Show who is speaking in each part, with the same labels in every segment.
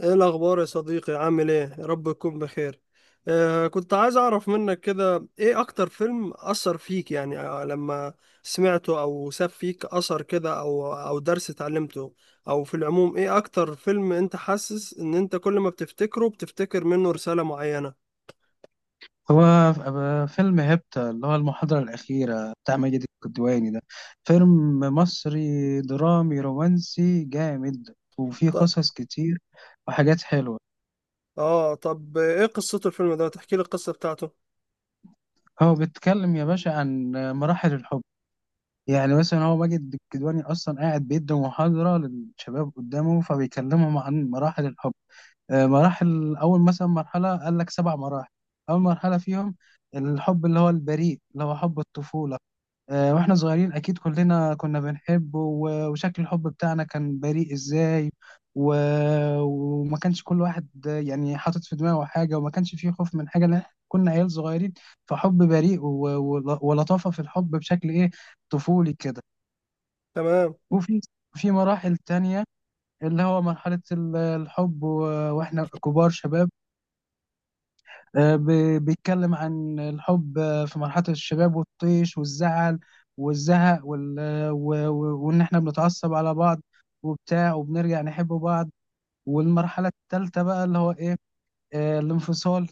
Speaker 1: ايه الاخبار يا صديقي؟ عامل ايه؟ يا رب تكون بخير. كنت عايز اعرف منك كده، ايه اكتر فيلم اثر فيك؟ يعني لما سمعته او ساب فيك اثر كده، او درس اتعلمته، او في العموم، ايه اكتر فيلم انت حاسس ان انت كل ما بتفتكره بتفتكر منه رسالة معينة؟
Speaker 2: فيلم هيبتا اللي هو المحاضرة الأخيرة بتاع ماجد الكدواني ده فيلم مصري درامي رومانسي جامد وفيه
Speaker 1: طب.
Speaker 2: قصص كتير وحاجات حلوة.
Speaker 1: اه طب ايه قصته الفيلم ده؟ تحكي لي القصة بتاعته.
Speaker 2: هو بيتكلم يا باشا عن مراحل الحب. يعني مثلا هو ماجد الكدواني أصلا قاعد بيدي محاضرة للشباب قدامه فبيكلمهم عن مراحل الحب. مراحل أول، مثلا مرحلة قال لك سبع مراحل. أول مرحلة فيهم الحب اللي هو البريء اللي هو حب الطفولة. واحنا صغيرين اكيد كلنا كنا بنحبه وشكل الحب بتاعنا كان بريء ازاي و... وما كانش كل واحد، يعني حاطط في دماغه حاجة، وما كانش فيه خوف من حاجة لان إحنا كنا عيال صغيرين. فحب بريء ولطافة في الحب بشكل ايه، طفولي كده.
Speaker 1: تمام.
Speaker 2: وفي في مراحل تانية اللي هو مرحلة الحب واحنا كبار شباب. بيتكلم عن الحب، في مرحلة الشباب والطيش والزعل والزهق وال... آه، و- و- وإن إحنا بنتعصب على بعض وبتاع وبنرجع نحب بعض. والمرحلة التالتة بقى اللي هو إيه؟ الانفصال،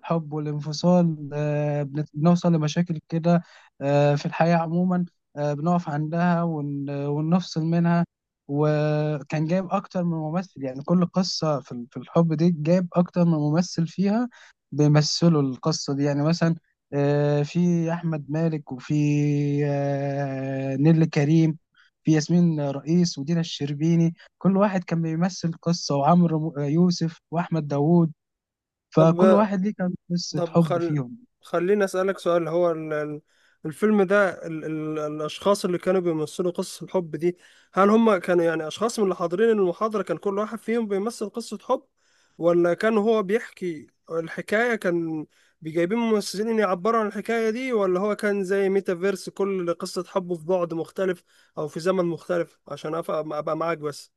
Speaker 2: الحب والانفصال. بنوصل لمشاكل كده، في الحياة عموما، بنقف عندها ونفصل منها. وكان جايب أكتر من ممثل، يعني كل قصة في في الحب دي جايب أكتر من ممثل فيها بيمثلوا القصة دي. يعني مثلا في أحمد مالك، وفي نيللي كريم، في ياسمين رئيس ودينا الشربيني، كل واحد كان بيمثل قصة، وعمرو يوسف وأحمد داوود، فكل
Speaker 1: طب
Speaker 2: واحد ليه كان قصة
Speaker 1: طب
Speaker 2: حب فيهم.
Speaker 1: خليني أسألك سؤال. هو الفيلم ده، الأشخاص اللي كانوا بيمثلوا قصة الحب دي، هل هم كانوا يعني أشخاص من اللي حاضرين المحاضرة، كان كل واحد فيهم بيمثل قصة حب؟ ولا كان هو بيحكي الحكاية، كان بيجايبين ممثلين يعبروا عن الحكاية دي؟ ولا هو كان زي ميتافيرس، كل قصة حبه في بعد مختلف أو في زمن مختلف؟ عشان أبقى معاك بس.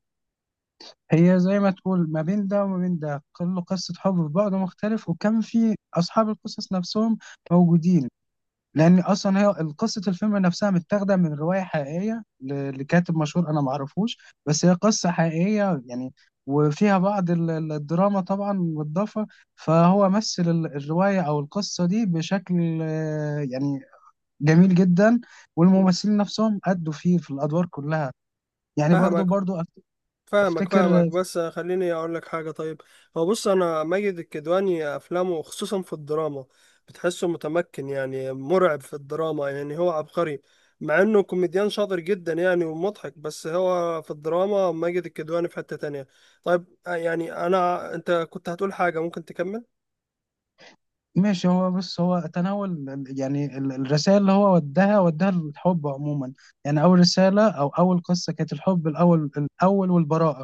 Speaker 2: هي زي ما تقول ما بين ده وما بين ده، كل قصة حب في بعض مختلف، وكان في أصحاب القصص نفسهم موجودين. لأن أصلا هي قصة الفيلم نفسها متاخدة من رواية حقيقية لكاتب مشهور أنا معرفوش، بس هي قصة حقيقية يعني، وفيها بعض الدراما طبعا مضافة. فهو مثل الرواية أو القصة دي بشكل يعني جميل جدا،
Speaker 1: مم.
Speaker 2: والممثلين نفسهم أدوا فيه في الأدوار كلها. يعني
Speaker 1: فاهمك، فاهمك، فاهمك،
Speaker 2: افتكر.
Speaker 1: بس خليني اقول لك حاجه. طيب، هو بص، انا ماجد الكدواني افلامه خصوصا في الدراما، بتحسه متمكن، يعني مرعب في الدراما، يعني هو عبقري. مع انه كوميديان شاطر جدا يعني ومضحك، بس هو في الدراما ماجد الكدواني في حته تانية. طيب يعني انا، انت كنت هتقول حاجه، ممكن تكمل.
Speaker 2: ماشي، هو بص هو تناول يعني الرسائل اللي هو وداها للحب عموما. يعني اول رسالة او اول قصة كانت الحب الاول الاول والبراءة.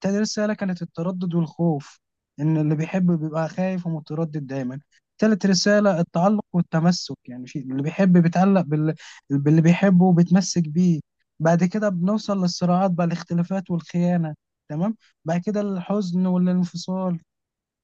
Speaker 2: تاني رسالة كانت التردد والخوف، ان اللي بيحب بيبقى خايف ومتردد دايما. تالت رسالة التعلق والتمسك، يعني في اللي بيحب بيتعلق باللي بيحبه وبيتمسك بيه. بعد كده بنوصل للصراعات بقى، الاختلافات والخيانة، تمام. بعد كده الحزن والانفصال.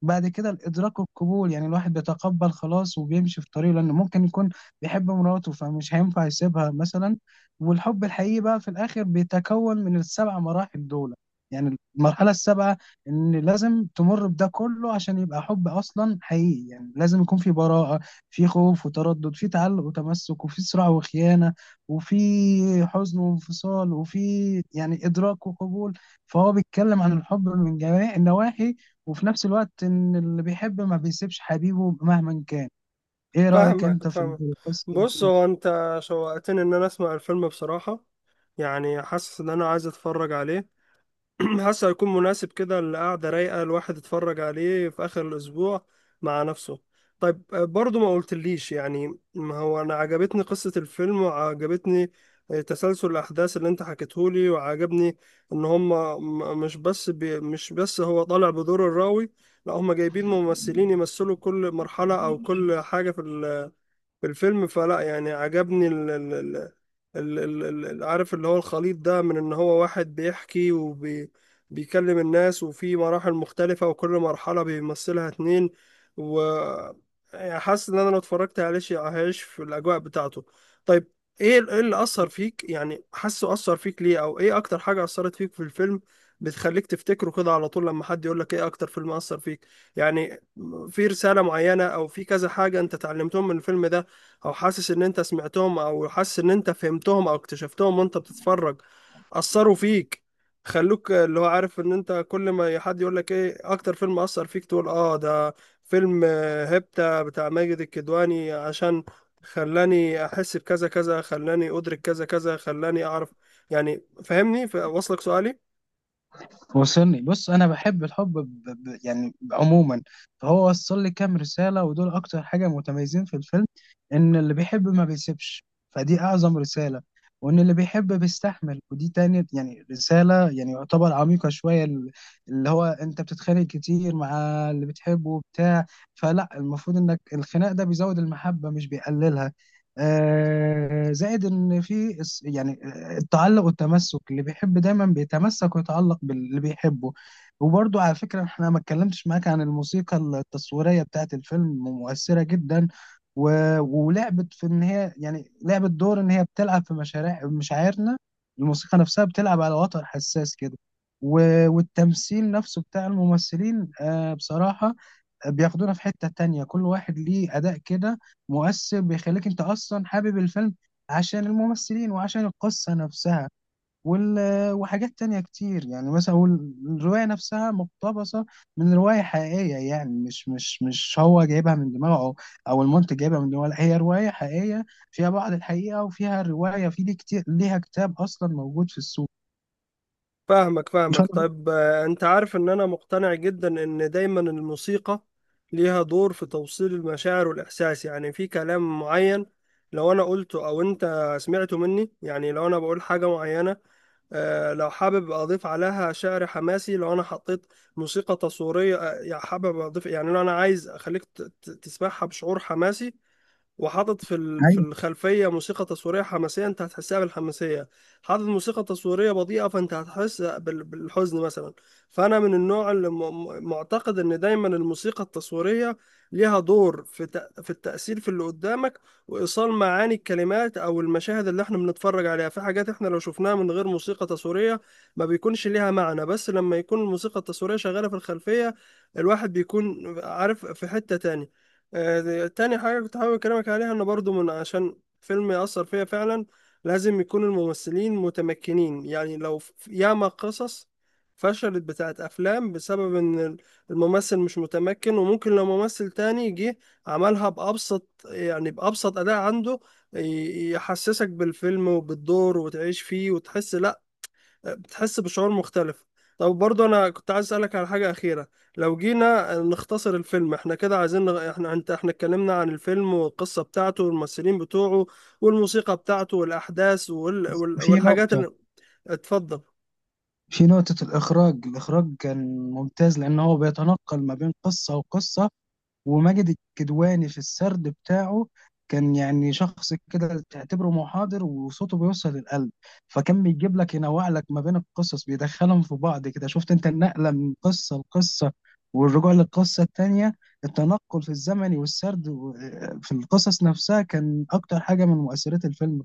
Speaker 2: بعد كده الادراك والقبول، يعني الواحد بيتقبل خلاص وبيمشي في طريقه لانه ممكن يكون بيحب مراته فمش هينفع يسيبها مثلا. والحب الحقيقي بقى في الاخر بيتكون من السبع مراحل دول، يعني المرحله السابعه، ان لازم تمر بده كله عشان يبقى حب اصلا حقيقي. يعني لازم يكون في براءه، في خوف وتردد، في تعلق وتمسك، وفي صراع وخيانه، وفي حزن وانفصال، وفي يعني ادراك وقبول. فهو بيتكلم عن الحب من جميع النواحي، وفي نفس الوقت ان اللي بيحب ما بيسيبش حبيبه مهما كان. ايه رأيك
Speaker 1: فاهمك،
Speaker 2: انت في
Speaker 1: فاهمك.
Speaker 2: في قصة
Speaker 1: بص،
Speaker 2: الفيلم؟
Speaker 1: هو انت شوقتني ان انا اسمع الفيلم بصراحه، يعني حاسس ان انا عايز اتفرج عليه. حاسه هيكون مناسب كده، القعده رايقه، الواحد يتفرج عليه في اخر الاسبوع مع نفسه. طيب، برضو ما قلتليش، يعني ما هو انا عجبتني قصه الفيلم، وعجبتني تسلسل الاحداث اللي انت حكيتهولي، وعجبني ان هم مش بس هو طالع بدور الراوي، لا هم جايبين ممثلين يمثلوا كل مرحله او كل حاجه في الفيلم، فلا يعني عجبني عارف اللي هو الخليط ده، من ان هو واحد بيحكي وبيكلم الناس، وفي مراحل مختلفة وكل مرحلة بيمثلها اتنين، و يعني حاسس ان انا لو اتفرجت عليه شيء هعيش في الاجواء بتاعته. طيب، ايه ايه اللي اثر فيك؟ يعني حاسه اثر فيك ليه، او ايه اكتر حاجة اثرت فيك في الفيلم بتخليك تفتكره كده على طول لما حد يقول لك ايه اكتر فيلم اثر فيك؟ يعني في رسالة معينة او في كذا حاجة انت اتعلمتهم من الفيلم ده، او حاسس ان انت سمعتهم، او حاسس ان انت فهمتهم او اكتشفتهم وانت بتتفرج، اثروا فيك، خلوك اللي هو عارف ان انت كل ما حد يقول لك ايه اكتر فيلم اثر فيك تقول اه ده فيلم هيبتا بتاع ماجد الكدواني، عشان خلاني احس بكذا كذا، خلاني ادرك كذا كذا، خلاني اعرف. يعني فاهمني؟ واصلك سؤالي؟
Speaker 2: وصلني، بص انا بحب الحب يعني عموما. فهو وصل لي كام رسالة، ودول اكتر حاجة متميزين في الفيلم. ان اللي بيحب ما بيسيبش، فدي اعظم رسالة. وان اللي بيحب بيستحمل، ودي تاني يعني رسالة يعني يعتبر عميقة شوية، اللي هو انت بتتخانق كتير مع اللي بتحبه وبتاع، فلا المفروض انك الخناق ده بيزود المحبة مش بيقللها. زائد ان في يعني التعلق والتمسك، اللي بيحب دايما بيتمسك ويتعلق باللي بيحبه. وبرضو على فكرة احنا ما اتكلمتش معاك عن الموسيقى التصويرية بتاعت الفيلم، مؤثرة جدا و... ولعبت في ان هي يعني لعبت دور ان هي بتلعب في مشاريع مشاعرنا. الموسيقى نفسها بتلعب على وتر حساس كده، و... والتمثيل نفسه بتاع الممثلين آه بصراحة بياخدونا في حتة تانية، كل واحد ليه أداء كده مؤثر بيخليك أنت أصلا حابب الفيلم عشان الممثلين وعشان القصة نفسها وال... وحاجات تانية كتير. يعني مثلا الرواية نفسها مقتبسة من رواية حقيقية، يعني مش هو جايبها من دماغه أو, أو المنتج جايبها من دماغه، لا، هي رواية حقيقية فيها بعض الحقيقة، وفيها رواية في دي كتير ليها كتاب أصلا موجود في السوق.
Speaker 1: فاهمك،
Speaker 2: إن
Speaker 1: فاهمك.
Speaker 2: شاء الله.
Speaker 1: طيب، انت عارف ان انا مقتنع جدا ان دايما الموسيقى ليها دور في توصيل المشاعر والاحساس. يعني في كلام معين لو انا قلته او انت سمعته مني، يعني لو انا بقول حاجة معينة، لو حابب اضيف عليها شعر حماسي، لو انا حطيت موسيقى تصويرية، يعني حابب اضيف، يعني لو انا عايز اخليك تسمعها بشعور حماسي، وحاطط في في
Speaker 2: أيوة.
Speaker 1: الخلفيه موسيقى تصويريه حماسيه، انت هتحسها بالحماسيه. حاطط موسيقى تصويريه بطيئه، فانت هتحس بالحزن مثلا. فانا من النوع اللي معتقد ان دايما الموسيقى التصويريه ليها دور في في التاثير في اللي قدامك، وايصال معاني الكلمات او المشاهد اللي احنا بنتفرج عليها. في حاجات احنا لو شفناها من غير موسيقى تصويريه ما بيكونش ليها معنى، بس لما يكون الموسيقى التصويريه شغاله في الخلفيه، الواحد بيكون عارف في حتة تانية. تاني حاجة كنت حابب أكلمك عليها، إن برضو من عشان فيلم يأثر فيا فعلا، لازم يكون الممثلين متمكنين. يعني لو ياما قصص فشلت بتاعت أفلام بسبب إن الممثل مش متمكن، وممكن لو ممثل تاني جه عملها بأبسط، يعني بأبسط أداء عنده يحسسك بالفيلم وبالدور وتعيش فيه، وتحس لأ، بتحس بشعور مختلف. طب برضه انا كنت عايز اسالك على حاجه اخيره. لو جينا نختصر الفيلم احنا كده، عايزين احنا انت، احنا اتكلمنا عن الفيلم والقصه بتاعته والممثلين بتوعه والموسيقى بتاعته والاحداث
Speaker 2: في
Speaker 1: والحاجات
Speaker 2: نقطة.
Speaker 1: اللي... اتفضل.
Speaker 2: في نقطة الإخراج، الإخراج كان ممتاز لأن هو بيتنقل ما بين قصة وقصة. وماجد الكدواني في السرد بتاعه كان يعني شخص كده تعتبره محاضر وصوته بيوصل للقلب، فكان بيجيب لك ينوع لك ما بين القصص، بيدخلهم في بعض كده، شفت أنت النقلة من قصة لقصة والرجوع للقصة التانية، التنقل في الزمن والسرد في القصص نفسها، كان أكتر حاجة من مؤثرات الفيلم.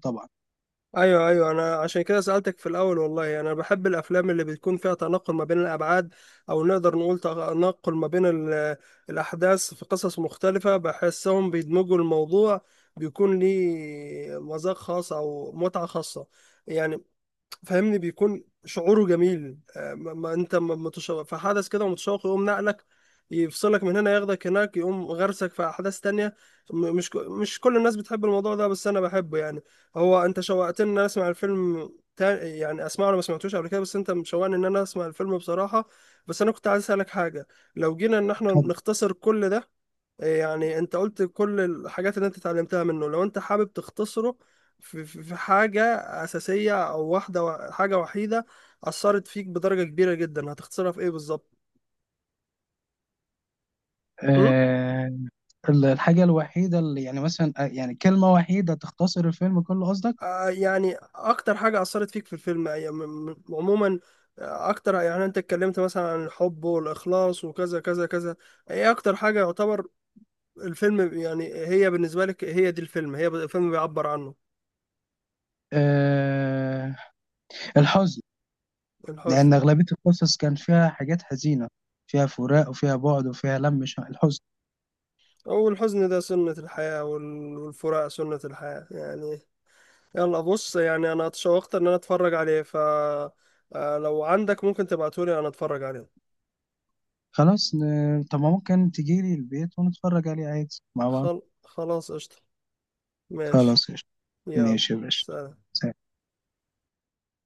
Speaker 1: ايوه، ايوه، انا عشان كده سألتك في الاول. والله انا بحب الافلام اللي بتكون فيها تناقل ما بين الابعاد، او نقدر نقول تناقل ما بين الاحداث في قصص مختلفة، بحسهم بيدمجوا الموضوع، بيكون ليه مذاق خاص او متعة خاصة يعني. فاهمني؟ بيكون شعوره جميل، ما ما انت ما متشوق في حدث كده، متشوق، يقوم نقلك، يفصلك من هنا، ياخدك هناك، يقوم غرسك في احداث تانية. مش كل الناس بتحب الموضوع ده، بس انا بحبه يعني. هو انت شوقتني ان انا اسمع الفيلم، يعني اسمعه، انا ما سمعتوش قبل كده، بس انت مشوقني ان انا اسمع الفيلم بصراحة. بس انا كنت عايز اسالك حاجة، لو جينا ان احنا
Speaker 2: طبعا.
Speaker 1: نختصر كل ده، يعني انت قلت كل الحاجات اللي انت اتعلمتها منه، لو انت حابب تختصره في حاجة أساسية أو واحدة، حاجة وحيدة أثرت فيك بدرجة كبيرة جدا، هتختصرها في إيه بالظبط؟ م؟
Speaker 2: الحاجة الوحيدة اللي يعني مثلا، يعني كلمة وحيدة تختصر الفيلم كله قصدك؟
Speaker 1: يعني أكتر حاجة أثرت فيك في الفيلم يعني عموما، أكتر، يعني أنت اتكلمت مثلا عن الحب والإخلاص وكذا كذا كذا، إيه أكتر حاجة يعتبر الفيلم، يعني هي بالنسبة لك هي دي الفيلم، هي الفيلم بيعبر عنه.
Speaker 2: أه، الحزن. لأن
Speaker 1: الحزن.
Speaker 2: أغلبية القصص كان فيها حاجات حزينة، فيها فراق وفيها بعد وفيها لم ش- الحزن.
Speaker 1: والحزن ده سنة الحياة، والفراق سنة الحياة يعني. يلا بص، يعني انا اتشوقت ان انا اتفرج عليه، ف لو عندك ممكن تبعتولي انا اتفرج عليه.
Speaker 2: خلاص، طب ما ممكن تجيلي البيت ونتفرج عليه عادي مع بعض.
Speaker 1: خلاص قشطة. ماشي.
Speaker 2: خلاص قشطة.
Speaker 1: يلا.
Speaker 2: ماشي يا باشا.
Speaker 1: سلام.